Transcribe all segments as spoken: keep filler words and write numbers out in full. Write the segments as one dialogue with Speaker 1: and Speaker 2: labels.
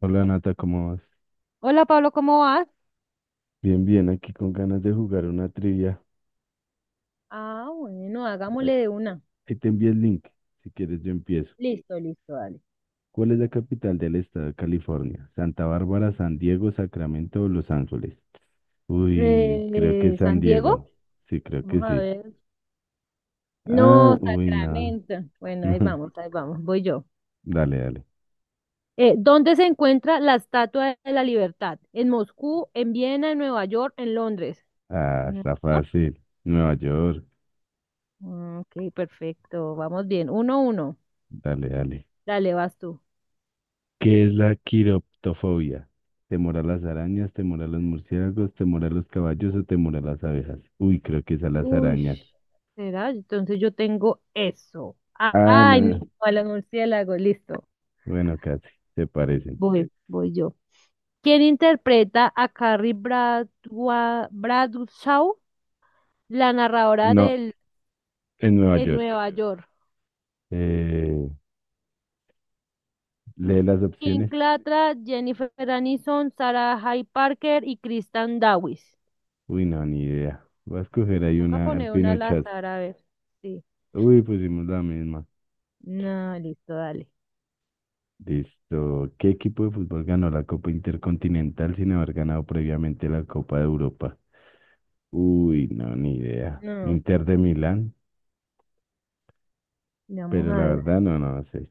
Speaker 1: Hola Nata, ¿cómo vas?
Speaker 2: Hola Pablo, ¿cómo vas?
Speaker 1: Bien, bien, aquí con ganas de jugar una trivia.
Speaker 2: Ah, bueno,
Speaker 1: Eh,
Speaker 2: hagámosle de una.
Speaker 1: Ahí te envío el link, si quieres yo empiezo.
Speaker 2: Listo, listo, dale.
Speaker 1: ¿Cuál es la capital del estado de California? ¿Santa Bárbara, San Diego, Sacramento o Los Ángeles? Uy, creo que es
Speaker 2: Eh,
Speaker 1: San
Speaker 2: ¿San Diego?
Speaker 1: Diego. Sí, creo que
Speaker 2: Vamos a
Speaker 1: sí.
Speaker 2: ver.
Speaker 1: Ah,
Speaker 2: No,
Speaker 1: uy, no.
Speaker 2: Sacramento. Bueno, ahí
Speaker 1: No,
Speaker 2: vamos, ahí vamos, voy yo.
Speaker 1: dale, dale.
Speaker 2: Eh, ¿dónde se encuentra la Estatua de la Libertad? ¿En Moscú, en Viena, en Nueva York, en Londres?
Speaker 1: Ah,
Speaker 2: No.
Speaker 1: está fácil. Nueva York.
Speaker 2: Mm, Ok, perfecto, vamos bien. Uno, uno.
Speaker 1: Dale, dale.
Speaker 2: Dale, vas tú.
Speaker 1: ¿Qué es la quiroptofobia? ¿Temor a las arañas, temor a los murciélagos, temor a los caballos o temor a las abejas? Uy, creo que es a las
Speaker 2: Uy,
Speaker 1: arañas.
Speaker 2: ¿será? Entonces yo tengo eso. Ah,
Speaker 1: Ah,
Speaker 2: ay, no,
Speaker 1: no.
Speaker 2: a los murciélagos, listo.
Speaker 1: Bueno, casi, se parecen.
Speaker 2: Voy, voy yo. Quien interpreta a Carrie Bradwa- Bradshaw, la narradora
Speaker 1: No,
Speaker 2: del
Speaker 1: en Nueva
Speaker 2: en
Speaker 1: York.
Speaker 2: Nueva York.
Speaker 1: Eh, lee las
Speaker 2: Kim
Speaker 1: opciones.
Speaker 2: Clatra, Jennifer Aniston, Sarah J. Parker y Kristen Davis.
Speaker 1: Uy, no, ni idea. Voy a escoger
Speaker 2: Me
Speaker 1: ahí
Speaker 2: toca
Speaker 1: una al
Speaker 2: poner una al
Speaker 1: pinochazo.
Speaker 2: azar, a ver. Sí.
Speaker 1: Uy, pusimos la misma.
Speaker 2: No, listo, dale.
Speaker 1: Listo. ¿Qué equipo de fútbol ganó la Copa Intercontinental sin haber ganado previamente la Copa de Europa? Uy, no, ni idea.
Speaker 2: No,
Speaker 1: Inter de Milán.
Speaker 2: vamos
Speaker 1: Pero
Speaker 2: a
Speaker 1: la
Speaker 2: ver.
Speaker 1: verdad, no, no sé.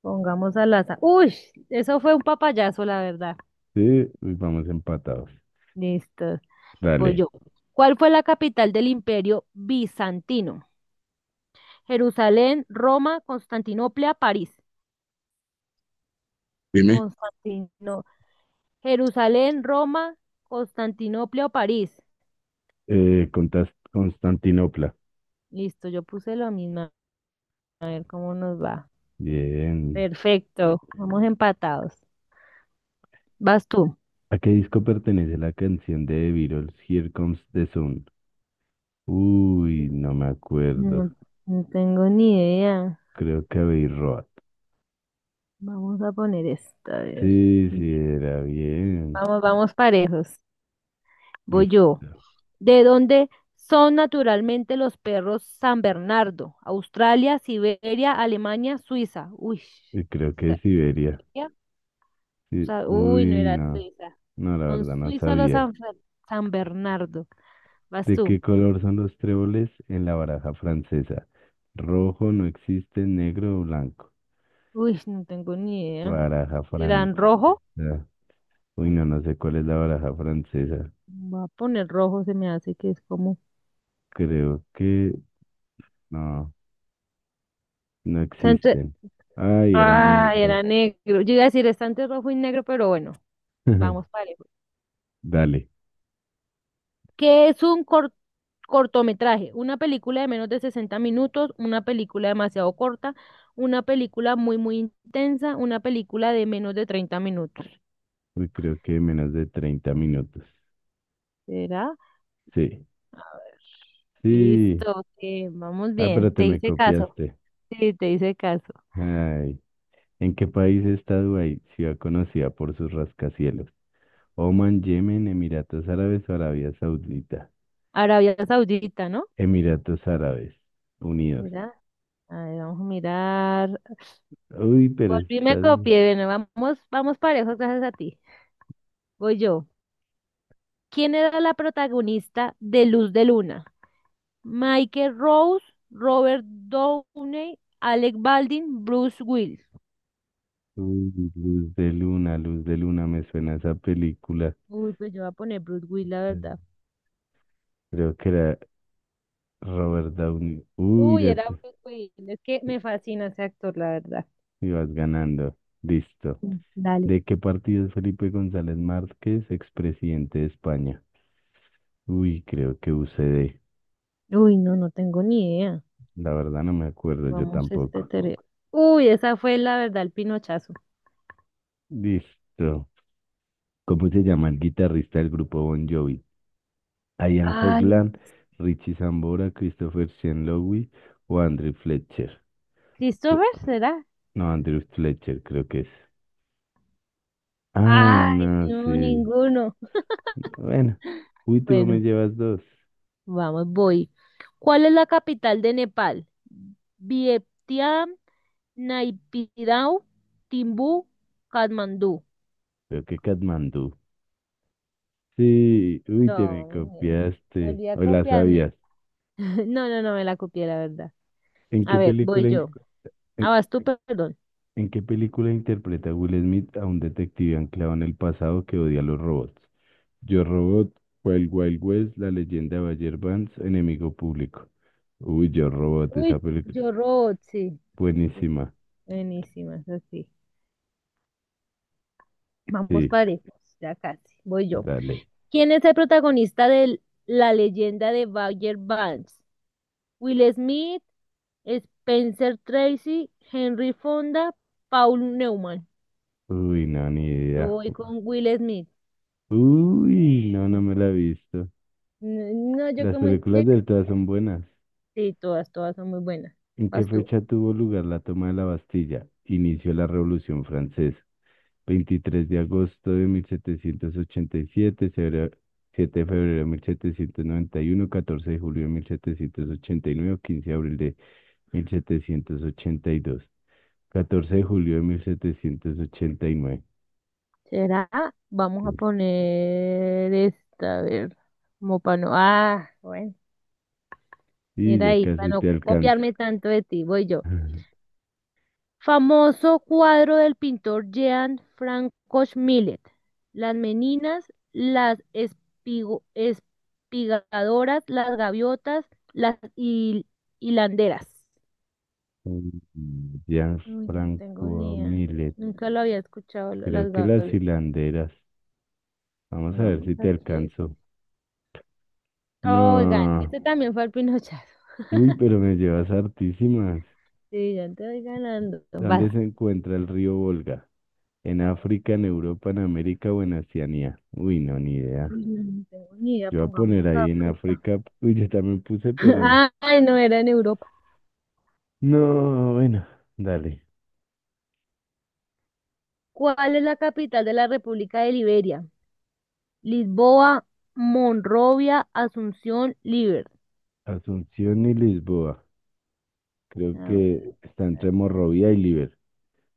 Speaker 2: Pongamos al azar. Uy, eso fue un papayazo, la verdad.
Speaker 1: Sí, uy, vamos empatados.
Speaker 2: Listo, voy
Speaker 1: Dale.
Speaker 2: yo. ¿Cuál fue la capital del Imperio Bizantino? Jerusalén, Roma, Constantinopla, París. Constantino, Jerusalén, Roma, Constantinopla o París.
Speaker 1: Eh, contas- Constantinopla.
Speaker 2: Listo, yo puse lo mismo. A ver cómo nos va.
Speaker 1: Bien.
Speaker 2: Perfecto, vamos empatados. Vas tú.
Speaker 1: ¿A qué disco pertenece la canción de The Beatles, Here Comes the Sun? Uy, no me acuerdo.
Speaker 2: No, no tengo ni idea.
Speaker 1: Creo que Abbey Road.
Speaker 2: Vamos a poner esta, a ver.
Speaker 1: Sí, sí, era bien.
Speaker 2: Vamos, vamos parejos.
Speaker 1: Lis-
Speaker 2: Voy yo. ¿De dónde son naturalmente los perros San Bernardo? Australia, Siberia, Alemania, Suiza. Uy.
Speaker 1: eh, Creo que Siberia.
Speaker 2: ¿Siberia? O
Speaker 1: Sí.
Speaker 2: sea, uy, no
Speaker 1: Uy,
Speaker 2: era
Speaker 1: no.
Speaker 2: Suiza.
Speaker 1: No, la
Speaker 2: Son
Speaker 1: verdad, no
Speaker 2: suizos los
Speaker 1: sabía.
Speaker 2: San, Fer- San Bernardo. Vas
Speaker 1: ¿De
Speaker 2: tú.
Speaker 1: qué color son los tréboles en la baraja francesa? Rojo no existe, negro o blanco.
Speaker 2: Uy, no tengo ni idea.
Speaker 1: Baraja francesa.
Speaker 2: ¿Eran rojo?
Speaker 1: Uy, no, no sé cuál es la baraja francesa.
Speaker 2: Voy a poner rojo, se me hace que es como.
Speaker 1: Creo que no, no
Speaker 2: Está entre...
Speaker 1: existen. Ay, era
Speaker 2: Ah, era
Speaker 1: negro.
Speaker 2: negro. Yo iba a decir, está entre rojo y negro, pero bueno, vamos parejo.
Speaker 1: Dale.
Speaker 2: ¿Qué es un cor- cortometraje? Una película de menos de sesenta minutos, una película demasiado corta, una película muy, muy intensa, una película de menos de treinta minutos.
Speaker 1: Uy, creo que menos de treinta minutos.
Speaker 2: ¿Será?
Speaker 1: Sí, sí.
Speaker 2: Listo, ok, vamos
Speaker 1: Ah, pero
Speaker 2: bien.
Speaker 1: te
Speaker 2: Te
Speaker 1: me
Speaker 2: hice caso.
Speaker 1: copiaste.
Speaker 2: Sí, te hice caso.
Speaker 1: Ay. ¿En qué país está Dubái, ciudad conocida por sus rascacielos? Oman, Yemen, Emiratos Árabes o Arabia Saudita.
Speaker 2: Arabia Saudita, ¿no?
Speaker 1: Emiratos Árabes Unidos.
Speaker 2: Mira, a ver, vamos a mirar.
Speaker 1: Uy, pero
Speaker 2: Volví, y me
Speaker 1: estás.
Speaker 2: copié. Bueno, vamos, vamos parejos, gracias a ti. Voy yo. ¿Quién era la protagonista de Luz de Luna? Michael Rose, Robert Downey, Alec Baldwin, Bruce Willis.
Speaker 1: Uy, Luz de Luna, Luz de Luna, me suena esa película.
Speaker 2: Uy, pues yo voy a poner Bruce Willis, la verdad.
Speaker 1: Creo que era Robert Downey. Uy,
Speaker 2: Uy,
Speaker 1: ya
Speaker 2: era
Speaker 1: te-
Speaker 2: Bruce Willis. Es que me fascina ese actor, la verdad.
Speaker 1: ibas ganando. Listo.
Speaker 2: Mm, dale.
Speaker 1: ¿De qué partido es Felipe González Márquez, expresidente de España? Uy, creo que U C D.
Speaker 2: Uy, no, no tengo ni idea.
Speaker 1: La verdad no me acuerdo, yo
Speaker 2: Vamos, este,
Speaker 1: tampoco.
Speaker 2: tere- uy, esa fue la verdad, el pinochazo.
Speaker 1: Listo. ¿Cómo se llama el guitarrista del grupo Bon Jovi? Ian
Speaker 2: Ay,
Speaker 1: Hogland, Richie Sambora, Christopher Sean Lowe o Andrew Fletcher. Cre-
Speaker 2: ¿Christopher será?
Speaker 1: No, Andrew Fletcher creo que es. Ay,
Speaker 2: Ay,
Speaker 1: no,
Speaker 2: no,
Speaker 1: sí.
Speaker 2: ninguno.
Speaker 1: Bueno, uy, tú me
Speaker 2: Bueno,
Speaker 1: llevas dos.
Speaker 2: vamos, voy. ¿Cuál es la capital de Nepal? Vientiane, Naypyidaw, Timbú, Katmandú.
Speaker 1: Pero qué Katmandú. Sí, uy, te
Speaker 2: No,
Speaker 1: me
Speaker 2: hombre,
Speaker 1: copiaste.
Speaker 2: volví a
Speaker 1: O la
Speaker 2: copiarme.
Speaker 1: sabías.
Speaker 2: No, no, no me la copié, la verdad.
Speaker 1: ¿En
Speaker 2: A
Speaker 1: qué
Speaker 2: ver, voy
Speaker 1: película, in-
Speaker 2: yo. Ah,
Speaker 1: en,
Speaker 2: vas tú, perdón.
Speaker 1: ¿en qué película interpreta Will Smith a un detective anclado en el pasado que odia a los robots? Yo Robot, Wild Wild West, La leyenda de Bayer Vance, Enemigo Público. Uy, Yo Robot, esa
Speaker 2: Uy,
Speaker 1: película.
Speaker 2: yo robot, sí. Sí,
Speaker 1: Buenísima.
Speaker 2: buenísimas, así. Vamos
Speaker 1: Sí,
Speaker 2: parejos, ya casi. Voy yo.
Speaker 1: dale.
Speaker 2: ¿Quién es el protagonista de La leyenda de Bagger Vance? Will Smith, Spencer Tracy, Henry Fonda, Paul Newman.
Speaker 1: Uy, no, ni
Speaker 2: Yo
Speaker 1: idea.
Speaker 2: voy con Will Smith.
Speaker 1: Uy, no, no me la he visto.
Speaker 2: No, yo
Speaker 1: Las
Speaker 2: como
Speaker 1: películas
Speaker 2: ya...
Speaker 1: del T O A son buenas.
Speaker 2: sí, todas, todas son muy buenas.
Speaker 1: ¿En qué
Speaker 2: Vas tú.
Speaker 1: fecha tuvo lugar la toma de la Bastilla? Inició la Revolución Francesa. veintitrés de agosto de mil setecientos ochenta y siete, febrero- siete de febrero de mil setecientos noventa y uno, catorce de julio de mil setecientos ochenta y nueve, quince de abril de mil setecientos ochenta y dos, catorce de julio de mil setecientos ochenta y nueve.
Speaker 2: ¿Será? Vamos
Speaker 1: Y
Speaker 2: a
Speaker 1: nueve.
Speaker 2: poner esta, a ver, como para no, ah, bueno,
Speaker 1: Y
Speaker 2: mira
Speaker 1: ya
Speaker 2: ahí, para
Speaker 1: casi te
Speaker 2: no
Speaker 1: alcanzo.
Speaker 2: copiarme tanto de ti, voy yo. Famoso cuadro del pintor Jean Francois Millet. Las meninas, las espigo- espigadoras, las gaviotas, las hil- hilanderas.
Speaker 1: Ya
Speaker 2: Uy, no tengo
Speaker 1: Franco
Speaker 2: ni idea.
Speaker 1: Millet,
Speaker 2: Nunca lo había escuchado, lo-
Speaker 1: creo
Speaker 2: las
Speaker 1: que las
Speaker 2: gaviotas.
Speaker 1: hilanderas. Vamos a ver
Speaker 2: Pongamos
Speaker 1: si te
Speaker 2: aquí esto.
Speaker 1: alcanzo.
Speaker 2: Oigan,
Speaker 1: No.
Speaker 2: este también fue el pinochazo.
Speaker 1: Uy, pero me llevas hartísimas.
Speaker 2: Sí, ya te voy ganando. Vas.
Speaker 1: ¿Dónde se encuentra el río Volga? ¿En África, en Europa, en América o en Oceanía? Uy, no, ni idea.
Speaker 2: Uy, no, no tengo ni idea,
Speaker 1: Yo voy a
Speaker 2: pongamos
Speaker 1: poner ahí en
Speaker 2: África.
Speaker 1: África. Uy, yo también puse, pero no.
Speaker 2: Ay, no, era en Europa.
Speaker 1: No, bueno, dale.
Speaker 2: ¿Cuál es la capital de la República de Liberia? Lisboa, Monrovia, Asunción, Liber.
Speaker 1: Asunción y Lisboa. Creo
Speaker 2: A
Speaker 1: que está entre
Speaker 2: ver,
Speaker 1: Monrovia y Liver.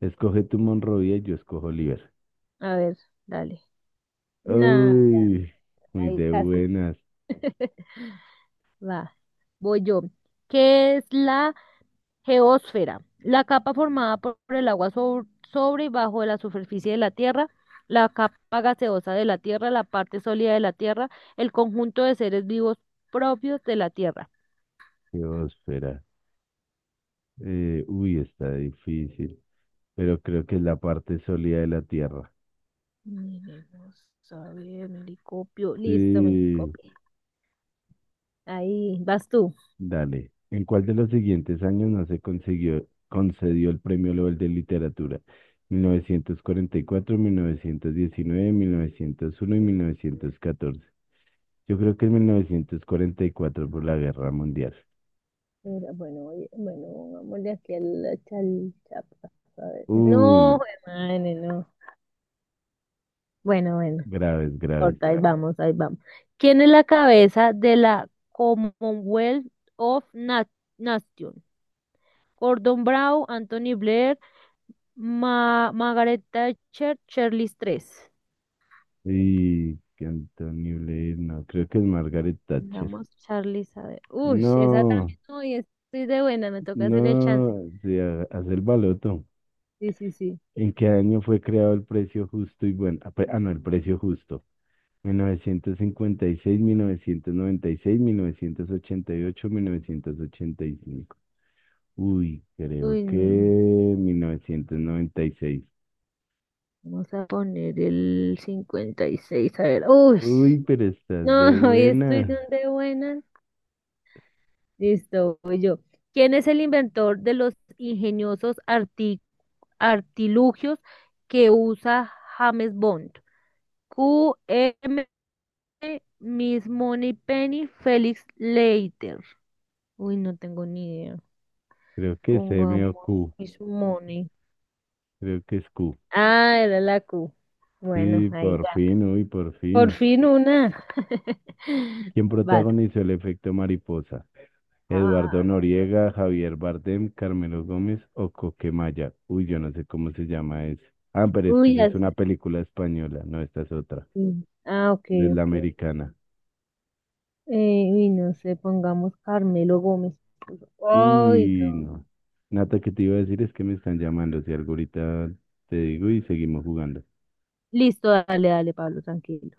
Speaker 1: Escoge tu Monrovia y yo escojo Liver.
Speaker 2: a ver, dale. Nah,
Speaker 1: Uy, muy
Speaker 2: ahí
Speaker 1: de
Speaker 2: casi.
Speaker 1: buenas.
Speaker 2: Va, voy yo. ¿Qué es la geósfera? La capa formada por por el agua sob- sobre y bajo de la superficie de la Tierra, la capa gaseosa de la Tierra, la parte sólida de la Tierra, el conjunto de seres vivos propios de la Tierra.
Speaker 1: Qué óspera. Eh, uy, está difícil. Pero creo que es la parte sólida de la Tierra.
Speaker 2: Miremos, a ver, Mericopio. Listo,
Speaker 1: Sí,
Speaker 2: Mericopio. Ahí vas tú.
Speaker 1: dale. ¿En cuál de los siguientes años no se consiguió, concedió el Premio Nobel de Literatura? Mil novecientos cuarenta y cuatro, mil mil mil novecientos novecientos novecientos diecinueve uno y mil novecientos catorce. Yo creo que es mil novecientos cuarenta y cuatro por la Guerra Mundial.
Speaker 2: Era, bueno, oye, bueno, pongámosle aquí al la chalchapa. A ver.
Speaker 1: Uy,
Speaker 2: No,
Speaker 1: no,
Speaker 2: hermano, no. Bueno, bueno,
Speaker 1: graves,
Speaker 2: no
Speaker 1: graves.
Speaker 2: importa, ahí vamos, ahí vamos. ¿Quién es la cabeza de la Commonwealth of Na- Nations? Gordon Brown, Anthony Blair, Ma- Margaret Thatcher, Charles tercero.
Speaker 1: Y que Antonio Blair, no, creo que es Margaret Thatcher.
Speaker 2: Vamos, Charles, a ver. Uy, esa
Speaker 1: No,
Speaker 2: también, uy, estoy de buena, me toca hacer el chance.
Speaker 1: no, se ha- hace el baloto.
Speaker 2: Sí, sí, sí.
Speaker 1: ¿En qué año fue creado el precio justo y bueno? Ah, pre- ah, no, el precio justo. mil novecientos cincuenta y seis, mil novecientos noventa y seis, mil novecientos ochenta y ocho, mil novecientos ochenta y cinco. Uy, creo
Speaker 2: Uy,
Speaker 1: que
Speaker 2: no.
Speaker 1: mil novecientos noventa y seis.
Speaker 2: Vamos a poner el cincuenta y seis. A ver. Uy,
Speaker 1: Uy, pero estás
Speaker 2: no,
Speaker 1: de
Speaker 2: hoy estoy
Speaker 1: buena.
Speaker 2: donde buena. Listo, voy yo. ¿Quién es el inventor de los ingeniosos arti- artilugios que usa James Bond? Q, M, Miss Moneypenny, Felix Leiter. Uy, no tengo ni idea.
Speaker 1: Creo que es M o
Speaker 2: Pongamos
Speaker 1: Q.
Speaker 2: Miss Money.
Speaker 1: Creo que es Q.
Speaker 2: Ah, era la Q. Bueno,
Speaker 1: Sí,
Speaker 2: ahí
Speaker 1: por
Speaker 2: ya.
Speaker 1: fin, uy, por
Speaker 2: Por
Speaker 1: fin.
Speaker 2: fin una.
Speaker 1: ¿Quién
Speaker 2: Vas.
Speaker 1: protagonizó el efecto mariposa? Eduardo
Speaker 2: Ah,
Speaker 1: Noriega, Javier Bardem, Carmelo Gómez o Coquemaya. Uy, yo no sé cómo se llama eso. Ah, pero es que
Speaker 2: uy,
Speaker 1: esa es una
Speaker 2: así.
Speaker 1: película española, no, esta es otra.
Speaker 2: Ah, ok,
Speaker 1: No es la
Speaker 2: ok.
Speaker 1: americana.
Speaker 2: Eh, uy, no sé, pongamos Carmelo Gómez. Ay,
Speaker 1: Uy,
Speaker 2: no.
Speaker 1: no. Nata, que te iba a decir es que me están llamando, si algo ahorita te digo y seguimos jugando.
Speaker 2: Listo, dale, dale, Pablo, tranquilo.